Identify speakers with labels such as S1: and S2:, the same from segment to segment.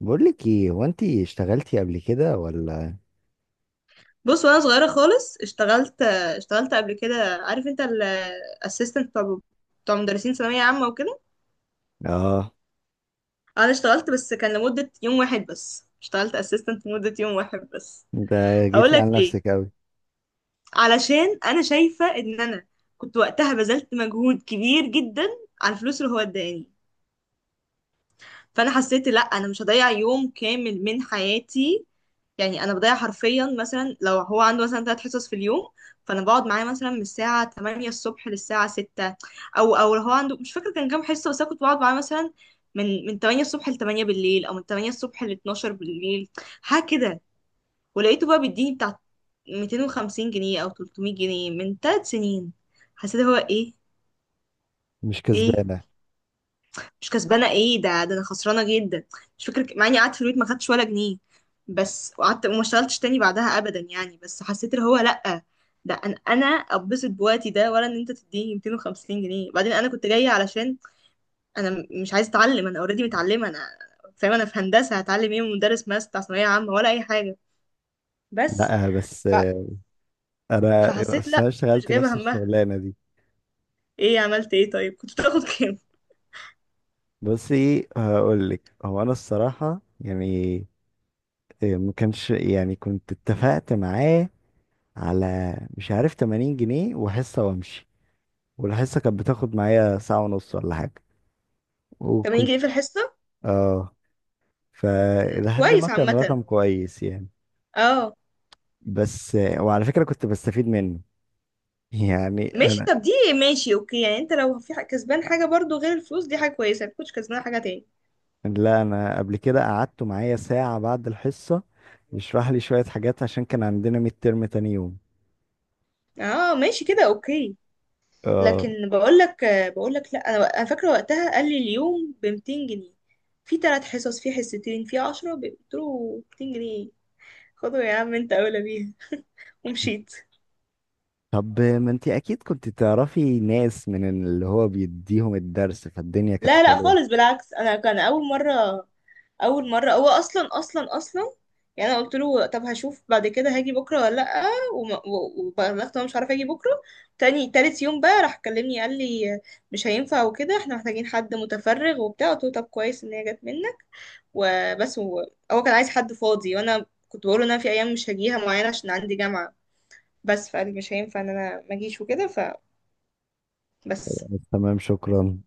S1: بقول لك ايه، هو انت اشتغلتي قبل كده ولا؟
S2: بص، وانا صغيره خالص اشتغلت قبل كده. عارف انت الاسيستنت بتاع مدرسين ثانويه عامه وكده.
S1: اه.
S2: انا اشتغلت، بس كان لمده يوم واحد بس. اشتغلت اسيستنت لمده يوم واحد بس.
S1: ده
S2: هقول
S1: جيتي
S2: لك
S1: على
S2: ليه.
S1: نفسك قوي.
S2: علشان انا شايفه ان انا كنت وقتها بذلت مجهود كبير جدا على الفلوس اللي هو اداني. فانا حسيت لا، انا مش هضيع يوم كامل من حياتي. يعني انا بضيع حرفيا، مثلا لو هو عنده مثلا 3 حصص في اليوم، فانا بقعد معاه مثلا من الساعه 8 الصبح للساعه 6. او لو هو عنده، مش فاكره كان كام حصه، بس انا كنت بقعد معاه مثلا من 8 الصبح ل 8 بالليل، او من 8 الصبح ل 12 بالليل، حاجه كده. ولقيته بقى بيديني بتاع 250 جنيه او 300 جنيه، من 3 سنين. حسيت هو ايه؟
S1: مش
S2: ايه؟
S1: كسبانه.
S2: مش كسبانه ايه ده انا خسرانه جدا. مش فاكر مع اني قعدت في البيت ما خدتش ولا جنيه بس، وقعدت وما اشتغلتش تاني بعدها ابدا. يعني بس حسيت اللي هو لا، ده انا اتبسط بوقتي ده، ولا ان انت تديني 250 جنيه؟ بعدين انا كنت جايه علشان انا مش عايزه اتعلم. انا اوريدي متعلمه. انا فاهمه، انا في هندسه، هتعلم ايه من مدرس ماس بتاع ثانويه عامه ولا اي حاجه؟ بس.
S1: لا بس
S2: ف-
S1: انا.
S2: فحسيت
S1: اصل
S2: لا،
S1: انا
S2: مش
S1: اشتغلت
S2: جايبه
S1: نفس
S2: همها.
S1: الشغلانه دي.
S2: ايه عملت ايه طيب كنت بتاخد كام؟
S1: بصي هقول لك. انا الصراحه يعني إيه، ما كانش يعني كنت اتفقت معاه على مش عارف 80 جنيه وحصه وامشي، والحصه كانت بتاخد معايا ساعه ونص ولا حاجه.
S2: 80
S1: وكنت
S2: جنيه في الحصه.
S1: اه، فلحد ما
S2: كويس
S1: كان
S2: عامه.
S1: رقم كويس يعني.
S2: اه.
S1: بس وعلى فكرة كنت بستفيد منه، يعني
S2: ماشي
S1: انا.
S2: طب دي. ماشي اوكي، يعني انت لو في كسبان حاجة برضو غير الفلوس دي حاجة كويسة، ما تكونش كسبان حاجة تاني.
S1: لا انا قبل كده قعدته معايا ساعة بعد الحصة، يشرح لي شوية حاجات عشان كان عندنا ميد ترم تاني يوم.
S2: اه ماشي كده اوكي.
S1: اه.
S2: لكن بقول لك لا، انا فاكرة وقتها قال لي اليوم ب 200 جنيه، في 3 حصص في حصتين في 10. قلت له 200 جنيه؟ خدوا يا عم، انت اولى بيها. ومشيت.
S1: طب ما انت اكيد كنت تعرفي ناس من اللي هو بيديهم الدرس، فالدنيا كانت
S2: لا لا
S1: حلوة.
S2: خالص، بالعكس. انا كان اول مره، اول مره هو اصلا اصلا اصلا، يعني انا قلت له طب هشوف بعد كده هاجي بكره ولا لا. وبلغت إن انا مش عارفه اجي بكره. تاني تالت يوم بقى راح كلمني قال لي مش هينفع وكده، احنا محتاجين حد متفرغ وبتاع. قلت له طب كويس ان هي جت منك. وبس. هو كان عايز حد فاضي، وانا كنت بقول له ان انا في ايام مش هجيها معينه عشان عندي جامعه بس. فقال لي مش هينفع ان انا ما اجيش وكده. فبس.
S1: تمام، شكرا.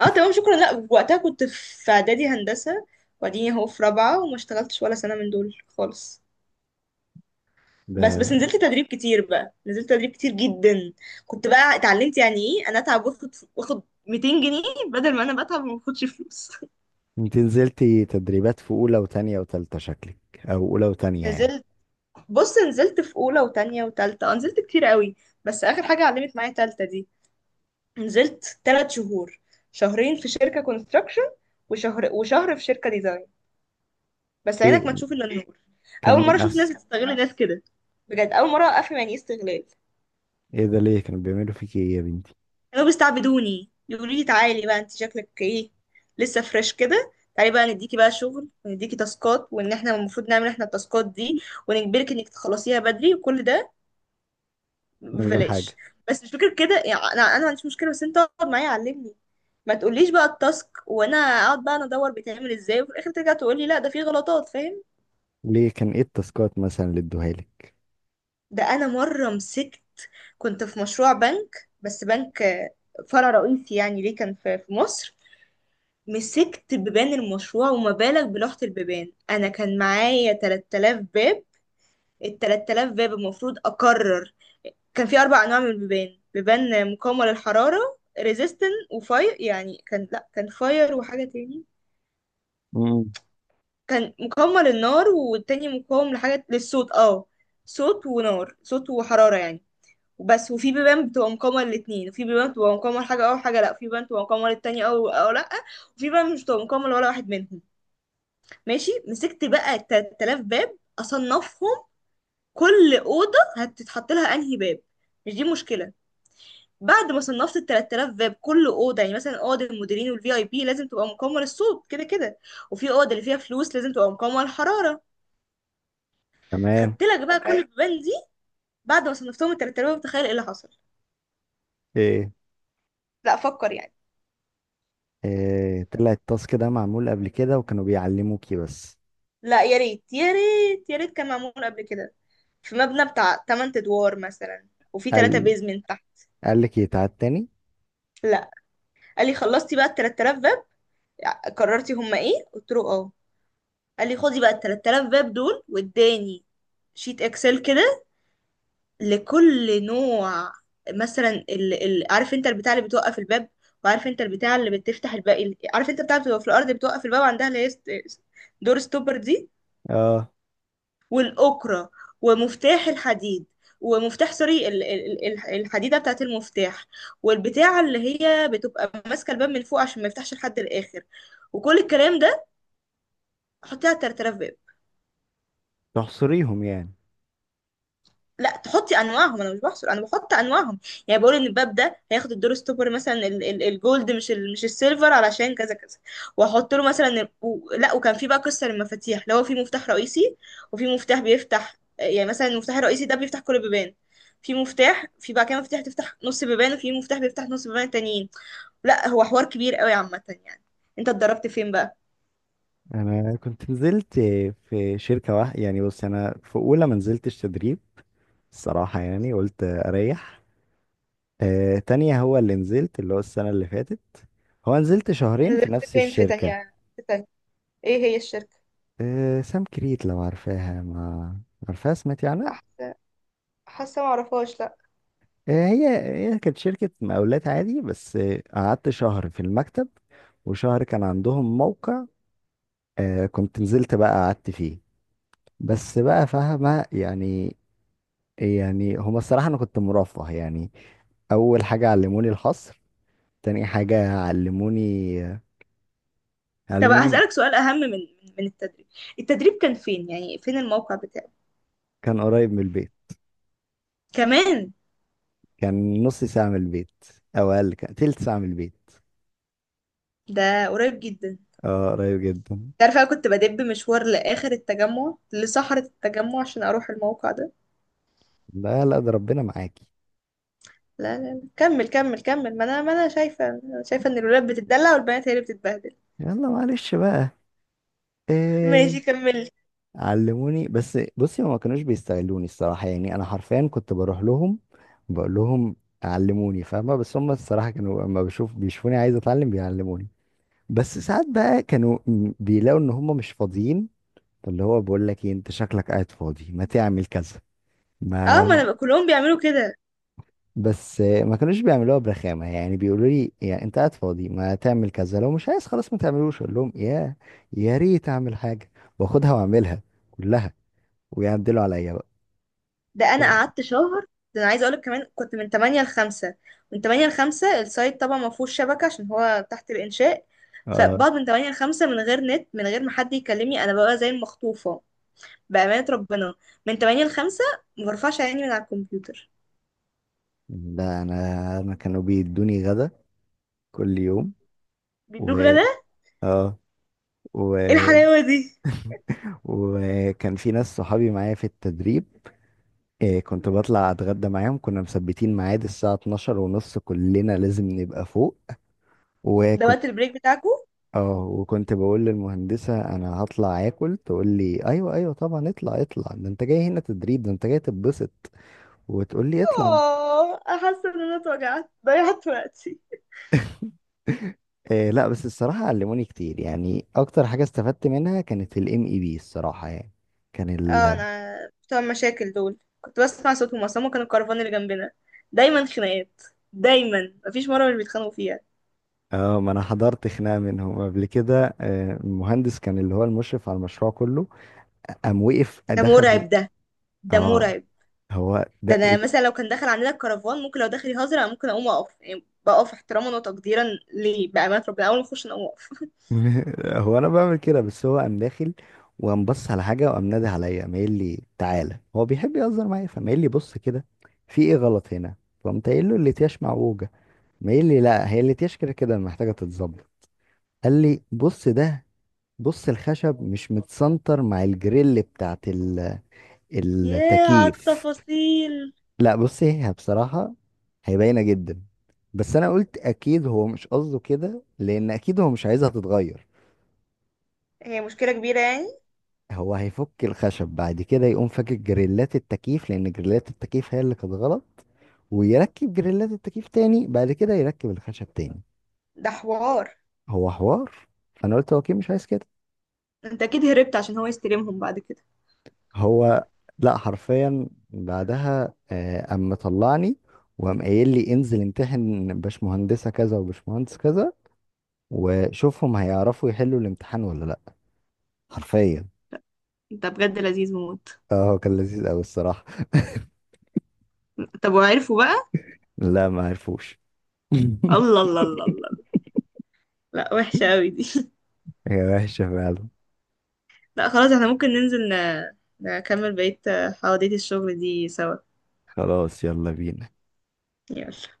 S2: اه تمام شكرا. لا وقتها كنت في اعدادي هندسه، وبعدين اهو في رابعه. وما اشتغلتش ولا سنه من دول خالص.
S1: ده
S2: بس نزلت تدريب كتير بقى، نزلت تدريب كتير جدا. كنت بقى اتعلمت يعني ايه انا اتعب واخد 200 جنيه، بدل ما انا بتعب وما باخدش فلوس.
S1: انت نزلتي تدريبات في اولى وتانية وتالتة شكلك، او اولى وتانية يعني؟
S2: نزلت. بص، نزلت في اولى وتانية وتالتة، اه نزلت كتير قوي. بس اخر حاجه علمت معايا تالتة دي، نزلت 3 شهور: شهرين في شركه كونستراكشن وشهر في شركه ديزاين. بس عينك ما
S1: ايه،
S2: تشوف الا النور.
S1: كان
S2: اول مره
S1: مين
S2: اشوف
S1: احسن؟
S2: ناس بتستغل ناس كده، بجد اول مره افهم يعني ايه استغلال.
S1: ايه ده، ليه كانوا بيعملوا فيكي ايه يا بنتي؟
S2: كانوا بيستعبدوني، يقولوا لي تعالي بقى انت شكلك ايه، لسه فريش كده، تعالي بقى نديكي بقى شغل ونديكي تاسكات، وان احنا المفروض نعمل احنا التاسكات دي، ونجبرك انك تخلصيها بدري، وكل ده
S1: من غير
S2: ببلاش.
S1: حاجة؟
S2: بس مش فكره كده، يعني انا ما عنديش مشكله، بس انت اقعد معايا علمني. ما تقوليش بقى التاسك وانا اقعد بقى انا ادور بيتعمل ازاي، وفي الاخر ترجع تقولي لا ده فيه غلطات. فاهم؟
S1: ليه، كان ايه التاسكات مثلا اللي ادوها لك؟
S2: ده انا مره مسكت، كنت في مشروع بنك، بس بنك، آه، فرع رئيسي يعني، ليه كان في مصر. مسكت بيبان المشروع، وما بالك بلوحة البيبان، انا كان معايا 3000 باب. ال 3000 باب المفروض اقرر كان في 4 انواع من البيبان: بيبان مقاومه للحراره، ريزيستن وفاير يعني، كان لا كان فاير وحاجه تاني.
S1: مم.
S2: كان مقاومه للنار، والتاني مقاوم لحاجه للصوت، اه صوت ونار، صوت وحراره يعني. وبس. وفي بيبان بتبقى مقاومة للاتنين، وفي بيبان بتبقى مقاومة لحاجة أو حاجة لأ، وفي بيبان بتبقى مقاومة للتانية أو لأ، وفي بيبان مش بتبقى مقاومة لولا واحد منهم. ماشي، مسكت بقى 3000 باب أصنفهم. كل أوضة هتتحط لها أنهي باب، مش دي مشكلة. بعد ما صنفت ال 3000 باب، كل اوضه يعني مثلا اوضه المديرين والفي اي بي لازم تبقى مقاومه للصوت كده كده، وفي اوضه اللي فيها فلوس لازم تبقى مقاومه للحراره.
S1: تمام.
S2: خدت لك بقى كل تمام البيبان دي. بعد ما صنفتهم ال 3000 باب، تخيل ايه اللي حصل.
S1: ايه؟
S2: لا فكر يعني.
S1: إيه، طلع التاسك ده معمول قبل كده وكانوا بيعلموكي بس؟
S2: لا يا ريت يا ريت يا ريت كان معمول قبل كده. في مبنى بتاع 8 ادوار مثلا، وفي 3
S1: قال
S2: بيزمنت تحت.
S1: قال لك يتعاد تاني؟
S2: لا. قال لي خلصتي بقى ال 3000 باب؟ قررتي هما ايه؟ قلت له اه. قال لي خدي بقى ال 3000 باب دول، واداني شيت اكسل كده لكل نوع. مثلا عارف انت البتاع اللي بتوقف الباب، وعارف انت البتاع اللي بتفتح الباب، عارف انت بتاع بتبقى في الارض بتوقف الباب عندها، اللي هي دور ستوبر دي،
S1: اه.
S2: والأكرة، ومفتاح الحديد، ومفتاح سوري، الحديدة بتاعت المفتاح، والبتاعة اللي هي بتبقى ماسكة الباب من فوق عشان ما يفتحش لحد الآخر، وكل الكلام ده، حطيه على الترترة.
S1: تحصريهم يعني؟
S2: لا، تحطي انواعهم. انا مش بحصر، انا بحط انواعهم. يعني بقول ان الباب ده هياخد الدور ستوبر، مثلا الجولد، مش مش السيلفر، علشان كذا كذا. واحط له مثلا لا. وكان في بقى قصه للمفاتيح، اللي هو في مفتاح رئيسي، وفي مفتاح بيفتح. يعني مثلا المفتاح الرئيسي ده بيفتح كل البيبان. في مفتاح، في بقى كده مفتاح تفتح نص بيبان، وفي مفتاح بيفتح نص بيبان تانيين. لا هو حوار كبير قوي عامه يعني. انت اتدربت فين بقى؟
S1: انا كنت نزلت في شركة واحدة يعني. بص انا في اولى ما نزلتش تدريب الصراحة، يعني قلت اريح. آه، تانية هو اللي نزلت، اللي هو السنة اللي فاتت، هو نزلت شهرين في
S2: نزلت
S1: نفس
S2: فين، في
S1: الشركة.
S2: تانية في تانية ايه هي الشركه؟
S1: آه سام كريت، لو عارفاها؟ ما عارفاها، سمعتي عنها؟
S2: لا حاسة معرفهاش.
S1: آه، هي. هي كانت شركة مقاولات عادي، بس آه، قعدت شهر في المكتب وشهر كان عندهم موقع، آه، كنت نزلت بقى قعدت فيه، بس بقى فاهمة يعني. يعني هما الصراحة أنا كنت مرفه يعني. أول حاجة علموني الحصر، تاني حاجة علموني،
S2: طب
S1: علموني.
S2: هسألك سؤال أهم من التدريب. التدريب كان فين يعني؟ فين الموقع بتاعه؟
S1: كان قريب من البيت.
S2: كمان.
S1: كان نص ساعة من البيت، أو أقل، كان تلت ساعة من البيت.
S2: ده قريب جدا.
S1: اه قريب جدا.
S2: تعرف أنا كنت بدب مشوار لآخر التجمع، لصحراء التجمع، عشان أروح الموقع ده.
S1: لا لا، ده ربنا معاكي.
S2: لا لا لا، كمل كمل كمل. ما أنا شايفة إن الولاد بتتدلع، والبنات هي اللي بتتبهدل.
S1: يلا معلش بقى. آه،
S2: ماشي كمل.
S1: علموني. بس بصي هما ما كانوش بيستغلوني الصراحة، يعني أنا حرفيا كنت بروح لهم، بقول لهم علموني، فاهمة؟ بس هما الصراحة كانوا لما بيشوفوني عايز أتعلم بيعلموني. بس ساعات بقى كانوا بيلاقوا إن هما مش فاضيين، فاللي هو بقول لك إيه أنت شكلك قاعد فاضي، ما تعمل كذا،
S2: اه، ما
S1: ما.
S2: أنا كلهم بيعملوا كده.
S1: بس ما كانوش بيعملوها برخامة، يعني بيقولوا لي يعني أنت قاعد فاضي ما تعمل كذا، لو مش عايز خلاص ما تعملوش. أقول لهم يا ريت أعمل حاجة وآخدها وأعملها كلها، ويعدلوا عليا بقى.
S2: ده انا قعدت شهر. ده انا عايزه اقولك كمان، كنت من 8 ل 5. من 8 ل 5، السايت طبعا ما فيهوش شبكه عشان هو تحت الانشاء.
S1: اه،
S2: فبقعد من 8 ل 5، من غير نت، من غير ما حد يكلمني، انا ببقى زي المخطوفه. بامانه ربنا، من 8 ل 5 ما برفعش عيني من على الكمبيوتر.
S1: ده انا كانوا بيدوني غدا كل يوم. و
S2: بيدوك غدا؟
S1: اه، و...
S2: ايه الحلاوه دي!
S1: وكان في ناس صحابي معايا في التدريب. إيه، كنت بطلع اتغدى معاهم، كنا مثبتين ميعاد الساعة 12 ونص، كلنا لازم نبقى فوق.
S2: ده
S1: وكنت
S2: وقت البريك بتاعكو؟
S1: اه، وكنت بقول للمهندسة انا هطلع اكل، تقول لي ايوه ايوه طبعا اطلع اطلع، ده انت جاي هنا تدريب، ده انت جاي تتبسط، وتقول لي اطلع.
S2: اه. حاسه ان انا اتوجعت ضيعت وقتي.
S1: إيه، لا بس الصراحة علموني كتير، يعني أكتر حاجة استفدت منها كانت ال MEB الصراحة يعني. كان
S2: اه،
S1: ال
S2: انا بتوع المشاكل دول كنت بسمع صوتهم اصلا، هما كانوا الكرفان اللي جنبنا. دايما خناقات، دايما مفيش مره مش بيتخانقوا فيها.
S1: اه، ما أنا حضرت خناقة منهم قبل كده. آه، المهندس كان اللي هو المشرف على المشروع كله، قام وقف
S2: ده
S1: دخل
S2: مرعب، ده
S1: اه.
S2: مرعب.
S1: هو
S2: ده انا مثلا لو كان دخل عندنا الكرفان، ممكن لو دخل يهزر انا ممكن اقوم اقف. يعني بقف احتراما وتقديرا ليه بامانه ربنا. اول ما اخش انا اقوم اقف.
S1: هو أنا بعمل كده. بس هو قام داخل وقام بص على حاجة، وقام نادي عليا، قام قايل لي تعالى، هو بيحب يهزر معايا، فقام قايل لي بص كده، في إيه غلط هنا؟ فقمت قايل له الأتياش معوجة، ما قايل لي لا، هي الأتياش كده كده محتاجة تتظبط. قال لي بص ده، بص الخشب مش متسنتر مع الجريل بتاعت
S2: ياه على
S1: التكييف.
S2: التفاصيل!
S1: لا بص، هي بصراحة هي باينة جدا، بس انا قلت اكيد هو مش قصده كده، لان اكيد هو مش عايزها تتغير.
S2: هي مشكله كبيره يعني.
S1: هو هيفك الخشب بعد كده، يقوم فاكك جريلات التكييف، لان جريلات التكييف هي اللي كانت غلط، ويركب جريلات التكييف تاني، بعد كده يركب الخشب تاني.
S2: ده حوار.
S1: هو حوار. فانا قلت هو اكيد مش عايز كده.
S2: انت اكيد هربت عشان هو يستلمهم بعد كده.
S1: هو. لا حرفيا بعدها آه، قام مطلعني، وقام قايل لي انزل امتحن باشمهندسة كذا وباشمهندس كذا، وشوفهم هيعرفوا يحلوا الامتحان ولا لا، حرفيا.
S2: انت بجد لذيذ موت.
S1: اه، هو كان لذيذ قوي الصراحة.
S2: طب وعرفوا بقى؟
S1: لا ما عرفوش.
S2: الله الله الله الله. لا وحشه قوي دي.
S1: هي وحشة فعلا.
S2: لا خلاص، احنا ممكن ننزل نكمل بقية حواديت الشغل دي سوا.
S1: خلاص يلا بينا.
S2: يلا.